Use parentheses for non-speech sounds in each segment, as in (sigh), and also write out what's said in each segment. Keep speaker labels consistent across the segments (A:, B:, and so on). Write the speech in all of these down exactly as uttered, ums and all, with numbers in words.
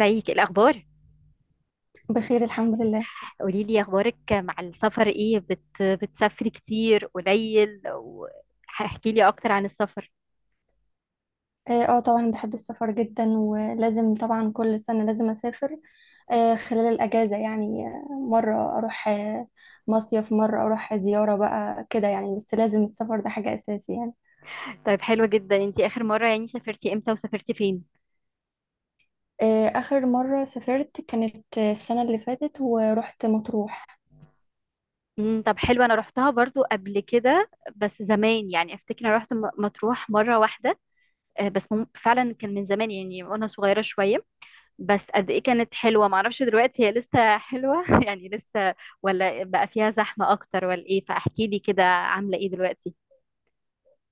A: ازيك؟ إيه الاخبار؟
B: بخير الحمد لله.
A: قولي لي اخبارك مع السفر ايه، بت... بتسافري كتير قليل واحكي لي اكتر عن السفر.
B: اه آه، طبعا بحب السفر جدا، ولازم طبعا كل سنة لازم اسافر. آه خلال الاجازة يعني، آه، مرة اروح آه، مصيف، مرة اروح زيارة بقى كده يعني، بس لازم السفر ده حاجة اساسي يعني.
A: طيب حلوة جدا. انتي اخر مرة يعني سافرتي امتى وسافرتي فين؟
B: آه اخر مرة سافرت كانت آه، السنة اللي فاتت، ورحت مطروح.
A: امم، طب حلو. انا رحتها برضو قبل كده، بس زمان. يعني افتكر انا رحت م- مطروح مرة واحدة. آه، بس مم... فعلا كان من زمان يعني وانا صغيرة شوية. بس قد ايه كانت حلوة، معرفش دلوقتي هي لسه حلوة (laughs) يعني لسه ولا بقى فيها زحمة اكتر ولا ايه؟ فاحكي لي كده عاملة ايه دلوقتي.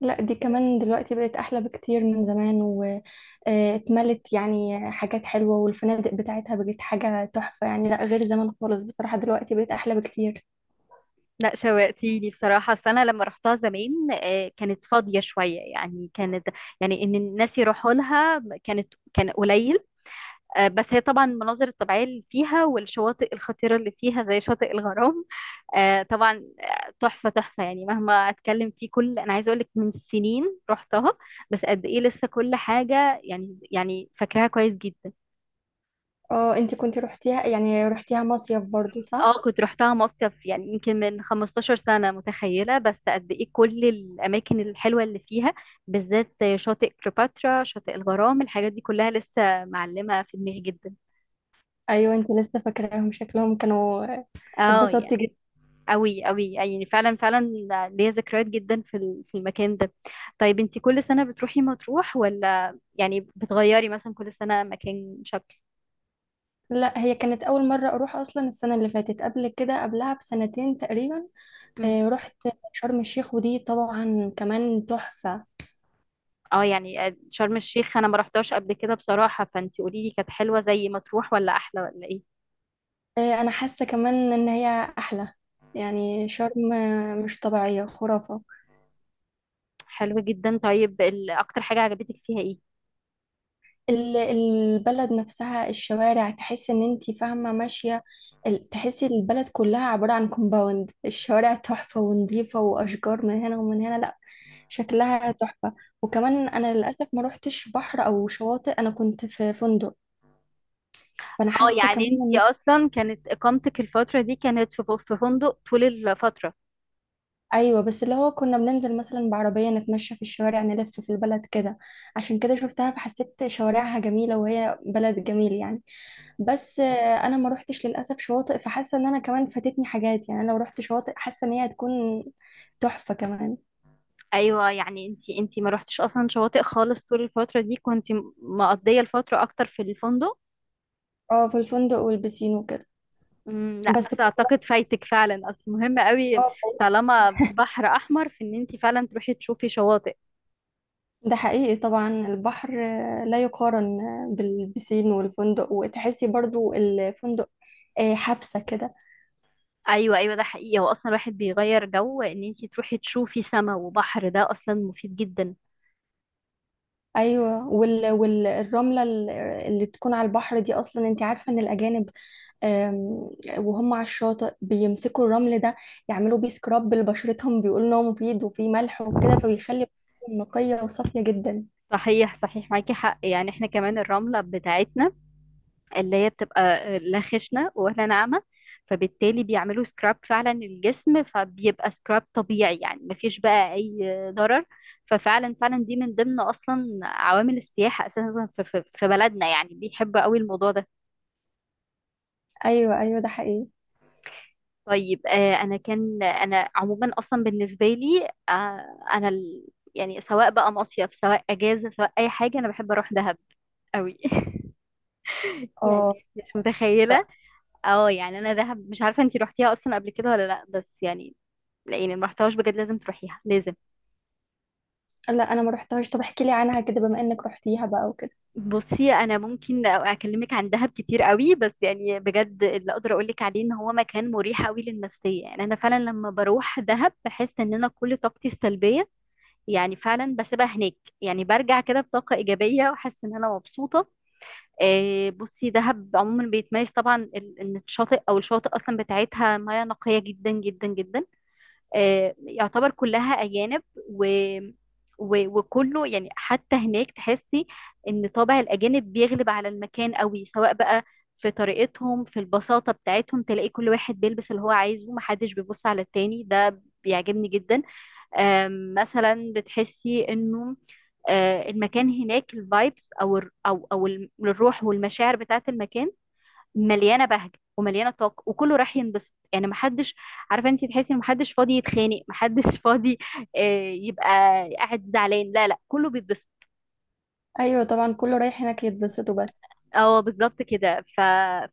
B: لا، دي كمان دلوقتي بقت احلى بكتير من زمان، واتملت يعني حاجات حلوة، والفنادق بتاعتها بقت حاجة تحفة يعني، لا غير زمان خالص بصراحة، دلوقتي بقت احلى بكتير.
A: لا، شوقتيني بصراحة. أصل أنا لما رحتها زمان آه، كانت فاضية شوية، يعني كانت يعني إن الناس يروحوا لها كانت كان قليل. آه، بس هي طبعا المناظر الطبيعية اللي فيها والشواطئ الخطيرة اللي فيها زي شاطئ الغرام. آه، طبعا. آه، تحفة تحفة، يعني مهما أتكلم فيه كل أنا عايزة أقولك من سنين رحتها، بس قد إيه لسه كل حاجة يعني، يعني فاكراها كويس جدا.
B: اه، انت كنت روحتيها يعني، روحتيها مصيف برضو صح؟
A: اه كنت رحتها مصيف، يعني يمكن من 15 سنة، متخيلة بس قد ايه كل الأماكن الحلوة اللي فيها، بالذات شاطئ كليوباترا، شاطئ الغرام، الحاجات دي كلها لسه معلمة في دماغي جدا.
B: ايوه انت لسه فاكراهم شكلهم كانوا،
A: اه يعني
B: اتبسطتي جدا.
A: أوي أوي، يعني فعلا فعلا ليا ذكريات جدا في ال- في المكان ده. طيب انتي كل سنة بتروحي مطروح ولا يعني بتغيري مثلا كل سنة مكان شكل؟
B: لا، هي كانت اول مره اروح اصلا، السنه اللي فاتت قبل كده قبلها بسنتين تقريبا.
A: مم.
B: آه، رحت شرم الشيخ، ودي طبعا كمان تحفه.
A: اه يعني شرم الشيخ انا ما رحتهاش قبل كده بصراحة، فانتي قولي لي كانت حلوة زي مطروح ولا احلى ولا ايه؟
B: آه، انا حاسه كمان ان هي احلى، يعني شرم مش طبيعيه خرافه.
A: حلو جدا. طيب ال- اكتر حاجة عجبتك فيها ايه؟
B: ال- البلد نفسها، الشوارع تحس ان انتي فاهمة ماشية، ال- تحسي البلد كلها عبارة عن كومباوند، الشوارع تحفة ونظيفة وأشجار من هنا ومن هنا، لأ شكلها تحفة. وكمان أنا للأسف ما روحتش بحر أو شواطئ، أنا كنت في فندق، فأنا
A: اه
B: حاسة كمان
A: يعني انتي
B: إن.
A: اصلا كانت اقامتك الفترة دي كانت في في فندق طول الفترة؟
B: أيوة، بس اللي هو كنا بننزل مثلا بعربية نتمشى في الشوارع، نلف في البلد كده، عشان كده شفتها فحسيت شوارعها جميلة، وهي بلد جميل يعني. بس آه، انا ما روحتش للاسف شواطئ، فحاسه ان انا كمان فاتتني حاجات يعني، انا لو روحت شواطئ حاسه ان هي هتكون تحفه كمان.
A: ايوه، يعني انتي انتي ما رحتش اصلا شواطئ خالص طول الفترة دي، كنتي م- مقضية الفترة اكتر في الفندق؟
B: اه، في الفندق والبسين وكده.
A: امم. لا،
B: بس
A: بس
B: كنت
A: اعتقد فايتك فعلا، اصل مهم قوي
B: اه
A: طالما بحر احمر، في ان انتي فعلا تروحي تشوفي شواطئ.
B: ده حقيقي، طبعا البحر آه، لا يقارن آه، بالبسين والفندق، وتحسي برضو الفندق آه، حبسه كده.
A: ايوه ايوه، ده حقيقي. هو اصلا الواحد بيغير جو، ان انتي تروحي تشوفي سما وبحر ده اصلا مفيد جدا.
B: ايوه، وال... والرمله اللي بتكون على البحر دي، اصلا انت عارفه ان الاجانب أم، وهم على الشاطئ بيمسكوا الرمل ده، يعملوا بيه سكراب لبشرتهم، بيقولوا ان هو مفيد وفيه ملح وكده، فبيخلي بشرتهم نقيه وصافيه جدا.
A: صحيح صحيح، معاكي حق. يعني احنا كمان الرملة بتاعتنا اللي هي بتبقى آه، لا خشنة ولا ناعمة، فبالتالي بيعملوا سكراب فعلا الجسم فبيبقى سكراب طبيعي، يعني مفيش بقى اي ضرر. ففعلا فعلا دي من ضمن اصلا عوامل السياحة اساسا في في- في بلدنا، يعني بيحبوا قوي الموضوع ده.
B: ايوه، ايوه، ده حقيقي.
A: طيب آه، انا كان انا عموما اصلا بالنسبة لي، آه، انا ال- يعني سواء بقى مصيف سواء اجازة سواء اي حاجة انا بحب اروح دهب قوي (laughs)
B: اه.
A: يعني مش
B: ف-
A: متخيلة. اه يعني انا دهب مش عارفه انتي روحتيها اصلا قبل كده ولا لا، بس يعني لاني ما رحتهاش، بجد لازم تروحيها لازم.
B: لا، انا ما رحتهاش، طب احكي لي عنها كده بما انك رحتيها بقى وكده.
A: بصي انا ممكن اكلمك عن دهب كتير قوي، بس يعني بجد اللي اقدر اقولك عليه ان هو مكان مريح قوي للنفسيه. يعني انا فعلا لما بروح دهب بحس ان انا كل طاقتي السلبيه يعني فعلا بسيبها هناك. يعني برجع كده بطاقه ايجابيه وحاسه ان انا مبسوطه. آه، بصي دهب عموما بيتميز طبعا ال- ان الشاطئ او الشواطئ اصلا بتاعتها مياه نقيه جدا جدا جدا. آه، يعتبر كلها أجانب و... و... وكله، يعني حتى هناك تحسي إن طابع الأجانب بيغلب على المكان قوي، سواء بقى في طريقتهم في البساطة بتاعتهم، تلاقي كل واحد بيلبس اللي هو عايزه محدش بيبص على التاني، ده بيعجبني جدا. آم، مثلا بتحسي إنه آه، المكان هناك الفايبس أو الر- أو أو الم- الروح والمشاعر بتاعت المكان مليانه بهجه ومليانه طاقه، وكله رايح ينبسط. يعني محدش، عارفه انت، تحسي ان محدش فاضي يتخانق، محدش (laughs) فاضي آه، يبقى قاعد زعلان. لا لا، كله بيتبسط.
B: ايوه طبعا، كله رايح هناك يتبسطوا بس.
A: اه بالظبط كده. ف...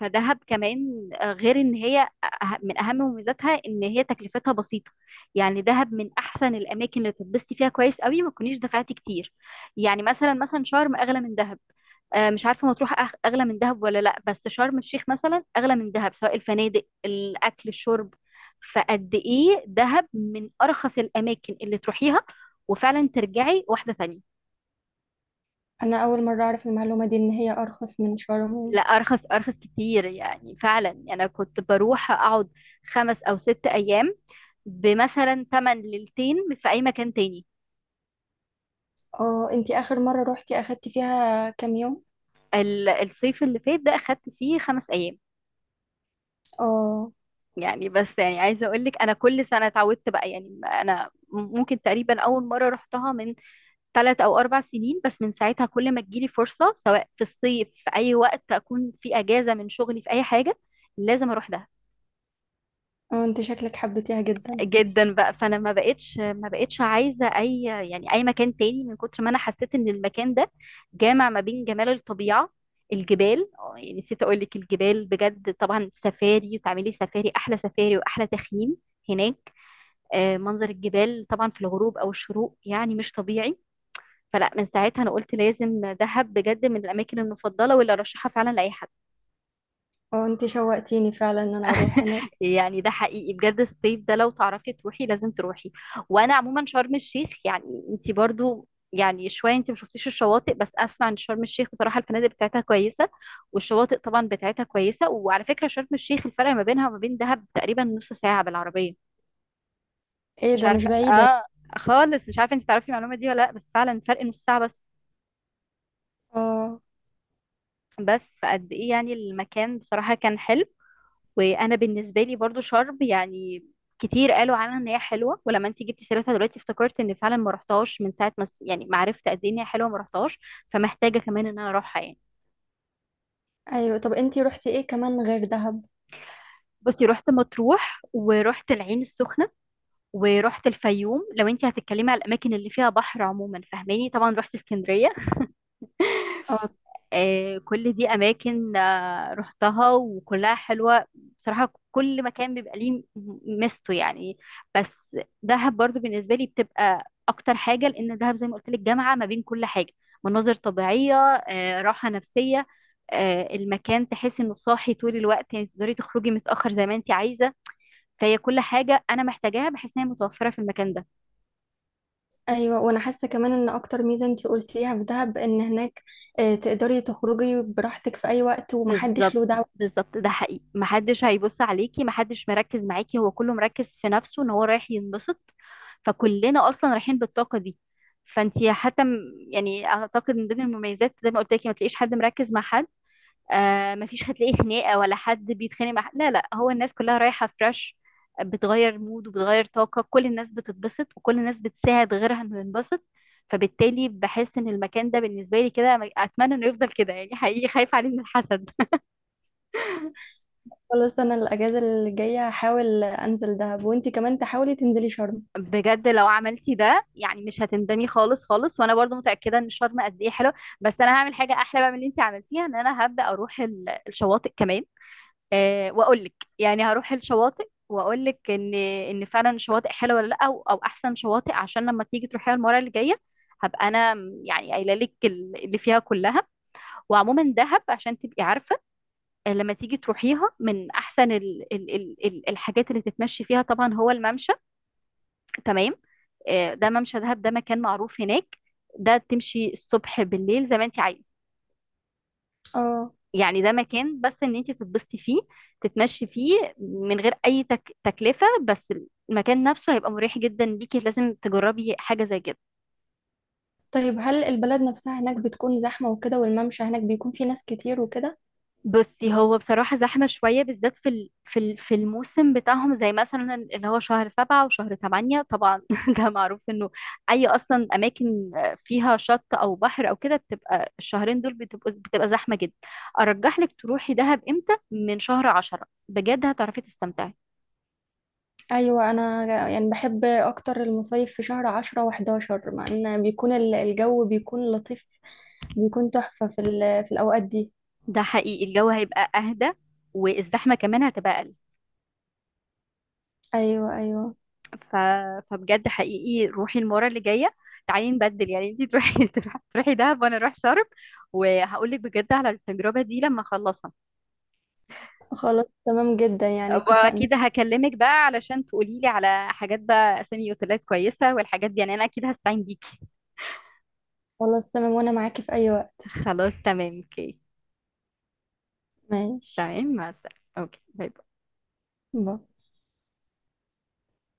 A: فدهب كمان آه، غير ان هي أه- من اهم مميزاتها ان هي تكلفتها بسيطه. يعني دهب من احسن الاماكن اللي تتبسطي فيها كويس قوي ما تكونيش دفعتي كتير. يعني مثلا مثلا شرم اغلى من دهب. آه، مش عارفه مطروح أغ- اغلى من دهب ولا لا، بس شرم الشيخ مثلا اغلى من دهب، سواء الفنادق الاكل الشرب. فقد ايه دهب من ارخص الاماكن اللي تروحيها وفعلا ترجعي واحده ثانيه.
B: انا اول مره اعرف المعلومه دي، ان هي ارخص من
A: لا،
B: شرم.
A: ارخص ارخص كتير، يعني فعلا انا كنت بروح اقعد خمس او ست ايام بمثلا تمن ليلتين في اي مكان تاني.
B: اه، انتي اخر مره روحتي اخدتي فيها كام يوم؟
A: ال- الصيف اللي فات ده اخدت فيه خمس ايام.
B: اه.
A: يعني بس يعني عايزه اقول لك انا كل سنه اتعودت بقى، يعني انا ممكن تقريبا اول مره رحتها من ثلاث او اربع سنين، بس من ساعتها كل ما تجيلي فرصه سواء في الصيف في اي وقت اكون في اجازه من شغلي في اي حاجه لازم اروح ده.
B: اه، انت شكلك حبيتيها جدا.
A: جدا بقى، فانا ما بقتش ما بقتش عايزه اي، يعني اي مكان تاني، من كتر ما انا حسيت ان المكان ده جامع ما بين جمال الطبيعه، الجبال. آه، يعني نسيت اقول لك الجبال بجد طبعا، سفاري وتعملي سفاري، احلى سفاري واحلى تخييم هناك. آه، منظر الجبال طبعا في الغروب او الشروق يعني مش طبيعي. فلا، من ساعتها انا قلت لازم دهب بجد من الاماكن المفضله واللي ارشحها فعلا لاي حد.
B: اه، انت شوقتيني فعلا ان انا اروح
A: (laughs)
B: هناك.
A: يعني ده حقيقي بجد، الصيف ده لو تعرفي تروحي لازم تروحي. وانا عموما شرم الشيخ يعني، انت برضو يعني شويه انت ما شفتيش الشواطئ، بس اسمع ان شرم الشيخ بصراحه الفنادق بتاعتها كويسه والشواطئ طبعا بتاعتها كويسه. وعلى فكره شرم الشيخ الفرق ما بينها وما بين دهب تقريبا نص ساعه بالعربيه.
B: ايه
A: مش
B: ده، مش
A: عارفه،
B: بعيدة يعني.
A: اه خالص مش عارفه انت تعرفي المعلومه دي ولا لا، بس فعلا فرق نص ساعه بس.
B: اه.
A: بس فقد ايه يعني المكان بصراحه كان حلو. وانا بالنسبه لي برضو شرم يعني كتير قالوا عنها ان هي حلوه، ولما انت جبتي سيرتها دلوقتي افتكرت ان فعلا ما رحتهاش من ساعه ما س- يعني ما عرفت قد ايه ان هي حلوه، ما رحتهاش. فمحتاجه كمان ان انا اروحها يعني.
B: ايوه، طب انت رحتي ايه كمان غير دهب؟
A: بصي رحت مطروح ورحت العين السخنه ورحت الفيوم. لو انت هتتكلمي على الاماكن اللي فيها بحر عموما، فاهماني، طبعا رحت اسكندريه.
B: اه.
A: آه كل دي اماكن رحتها وكلها حلوة بصراحة. كل مكان بيبقى ليه ميزته يعني. بس دهب برضو بالنسبة لي بتبقى أكتر حاجة، لأن دهب زي ما قلت لك جامعة ما بين كل حاجة: مناظر طبيعية، آه، راحة نفسية. آه، المكان تحس إنه صاحي طول الوقت، يعني تقدري تخرجي متأخر زي ما أنت عايزة. فهي كل حاجة أنا محتاجاها بحس إن هي متوفرة في المكان ده.
B: ايوه، وانا حاسة كمان ان اكتر ميزة انت قلتيها في دهب ان هناك آه، تقدري تخرجي براحتك في اي وقت، ومحدش
A: بالظبط.
B: له دعوة.
A: بالظبط، ده حقيقي. محدش هيبص عليكي، محدش مركز معاكي، هو كله مركز في نفسه ان هو رايح ينبسط، فكلنا اصلا رايحين بالطاقه دي. فانتي حتى م- يعني اعتقد من ضمن المميزات، زي ما قلت لك، ما تلاقيش حد مركز مع حد. آه ما فيش هتلاقي خناقه ولا حد بيتخانق مع حد. لا لا، هو الناس كلها رايحه فريش، بتغير مود وبتغير طاقه، كل الناس بتتبسط وكل الناس بتساعد غيرها انه ينبسط. فبالتالي بحس ان المكان ده بالنسبه لي كده اتمنى انه يفضل كده، يعني حقيقي خايفه عليه من الحسد.
B: خلاص، انا الاجازة اللي جاية هحاول انزل دهب، وانت كمان تحاولي تنزلي شرم.
A: بجد لو عملتي ده يعني مش هتندمي خالص خالص، وانا برضو متاكده ان شرم قد ايه حلو. بس انا هعمل حاجه احلى بقى من اللي انت عملتيها ان انا هبدا اروح ال- الشواطئ كمان. أه، واقول لك يعني هروح الشواطئ واقول لك ان ان فعلا الشواطئ حلوه ولا لا، او, أو احسن شواطئ، عشان لما تيجي تروحيها المره اللي جايه هبقى انا م- يعني قايله لك ال- اللي فيها كلها. وعموما دهب عشان تبقي عارفه آه، لما تيجي تروحيها من احسن ال ال ال ال- الحاجات اللي تتمشي فيها طبعا هو الممشى. تمام. آه، ده ممشى دهب، ده مكان معروف هناك. ده تمشي الصبح بالليل زي ما انت عايز.
B: اه،
A: يعني ده مكان بس ان انت تتبسطي فيه، تتمشي فيه من غير اي تك... تكلفة. بس المكان نفسه هيبقى مريح جدا ليكي، لازم تجربي حاجة زي كده.
B: طيب هل البلد نفسها هناك بتكون زحمة وكده، والممشى هناك بيكون فيه ناس كتير وكده؟
A: بصي هو بصراحة زحمة شوية، بالذات في ال- في ال- في الموسم بتاعهم، زي مثلا اللي هو شهر سبعة وشهر تمانية، طبعا (laughs) ده معروف انه اي اصلا اماكن فيها شط او بحر او كده بتبقى الشهرين دول بتبقى بتبقى زحمة جدا. ارجح لك تروحي دهب امتى؟ من شهر عشرة بجد هتعرفي تستمتعي.
B: أيوة، أنا يعني بحب أكتر المصايف في شهر عشرة وحداشر، مع إن بيكون ال- الجو بيكون لطيف، بيكون تحفة في ال- في الأوقات دي.
A: ده حقيقي الجو هيبقى اهدى، والزحمة كمان هتبقى اقل.
B: أيوة، أيوة.
A: ف... فبجد حقيقي روحي المره اللي جايه، تعالي نبدل، يعني انتي تروحي (laughs) تروحي دهب وانا اروح شرم، وهقول لك بجد على التجربه دي لما اخلصها.
B: خلاص تمام جدا يعني، اتفقنا.
A: واكيد هكلمك بقى علشان تقولي لي على حاجات، بقى اسامي اوتيلات كويسه والحاجات دي، يعني انا اكيد هستعين بيكي.
B: خلاص تمام، وأنا معاكي في أي وقت.
A: (laughs) خلاص تمام اوكي.
B: ماشي.
A: تمام، مع السلامه، اوكي، باي.
B: باي.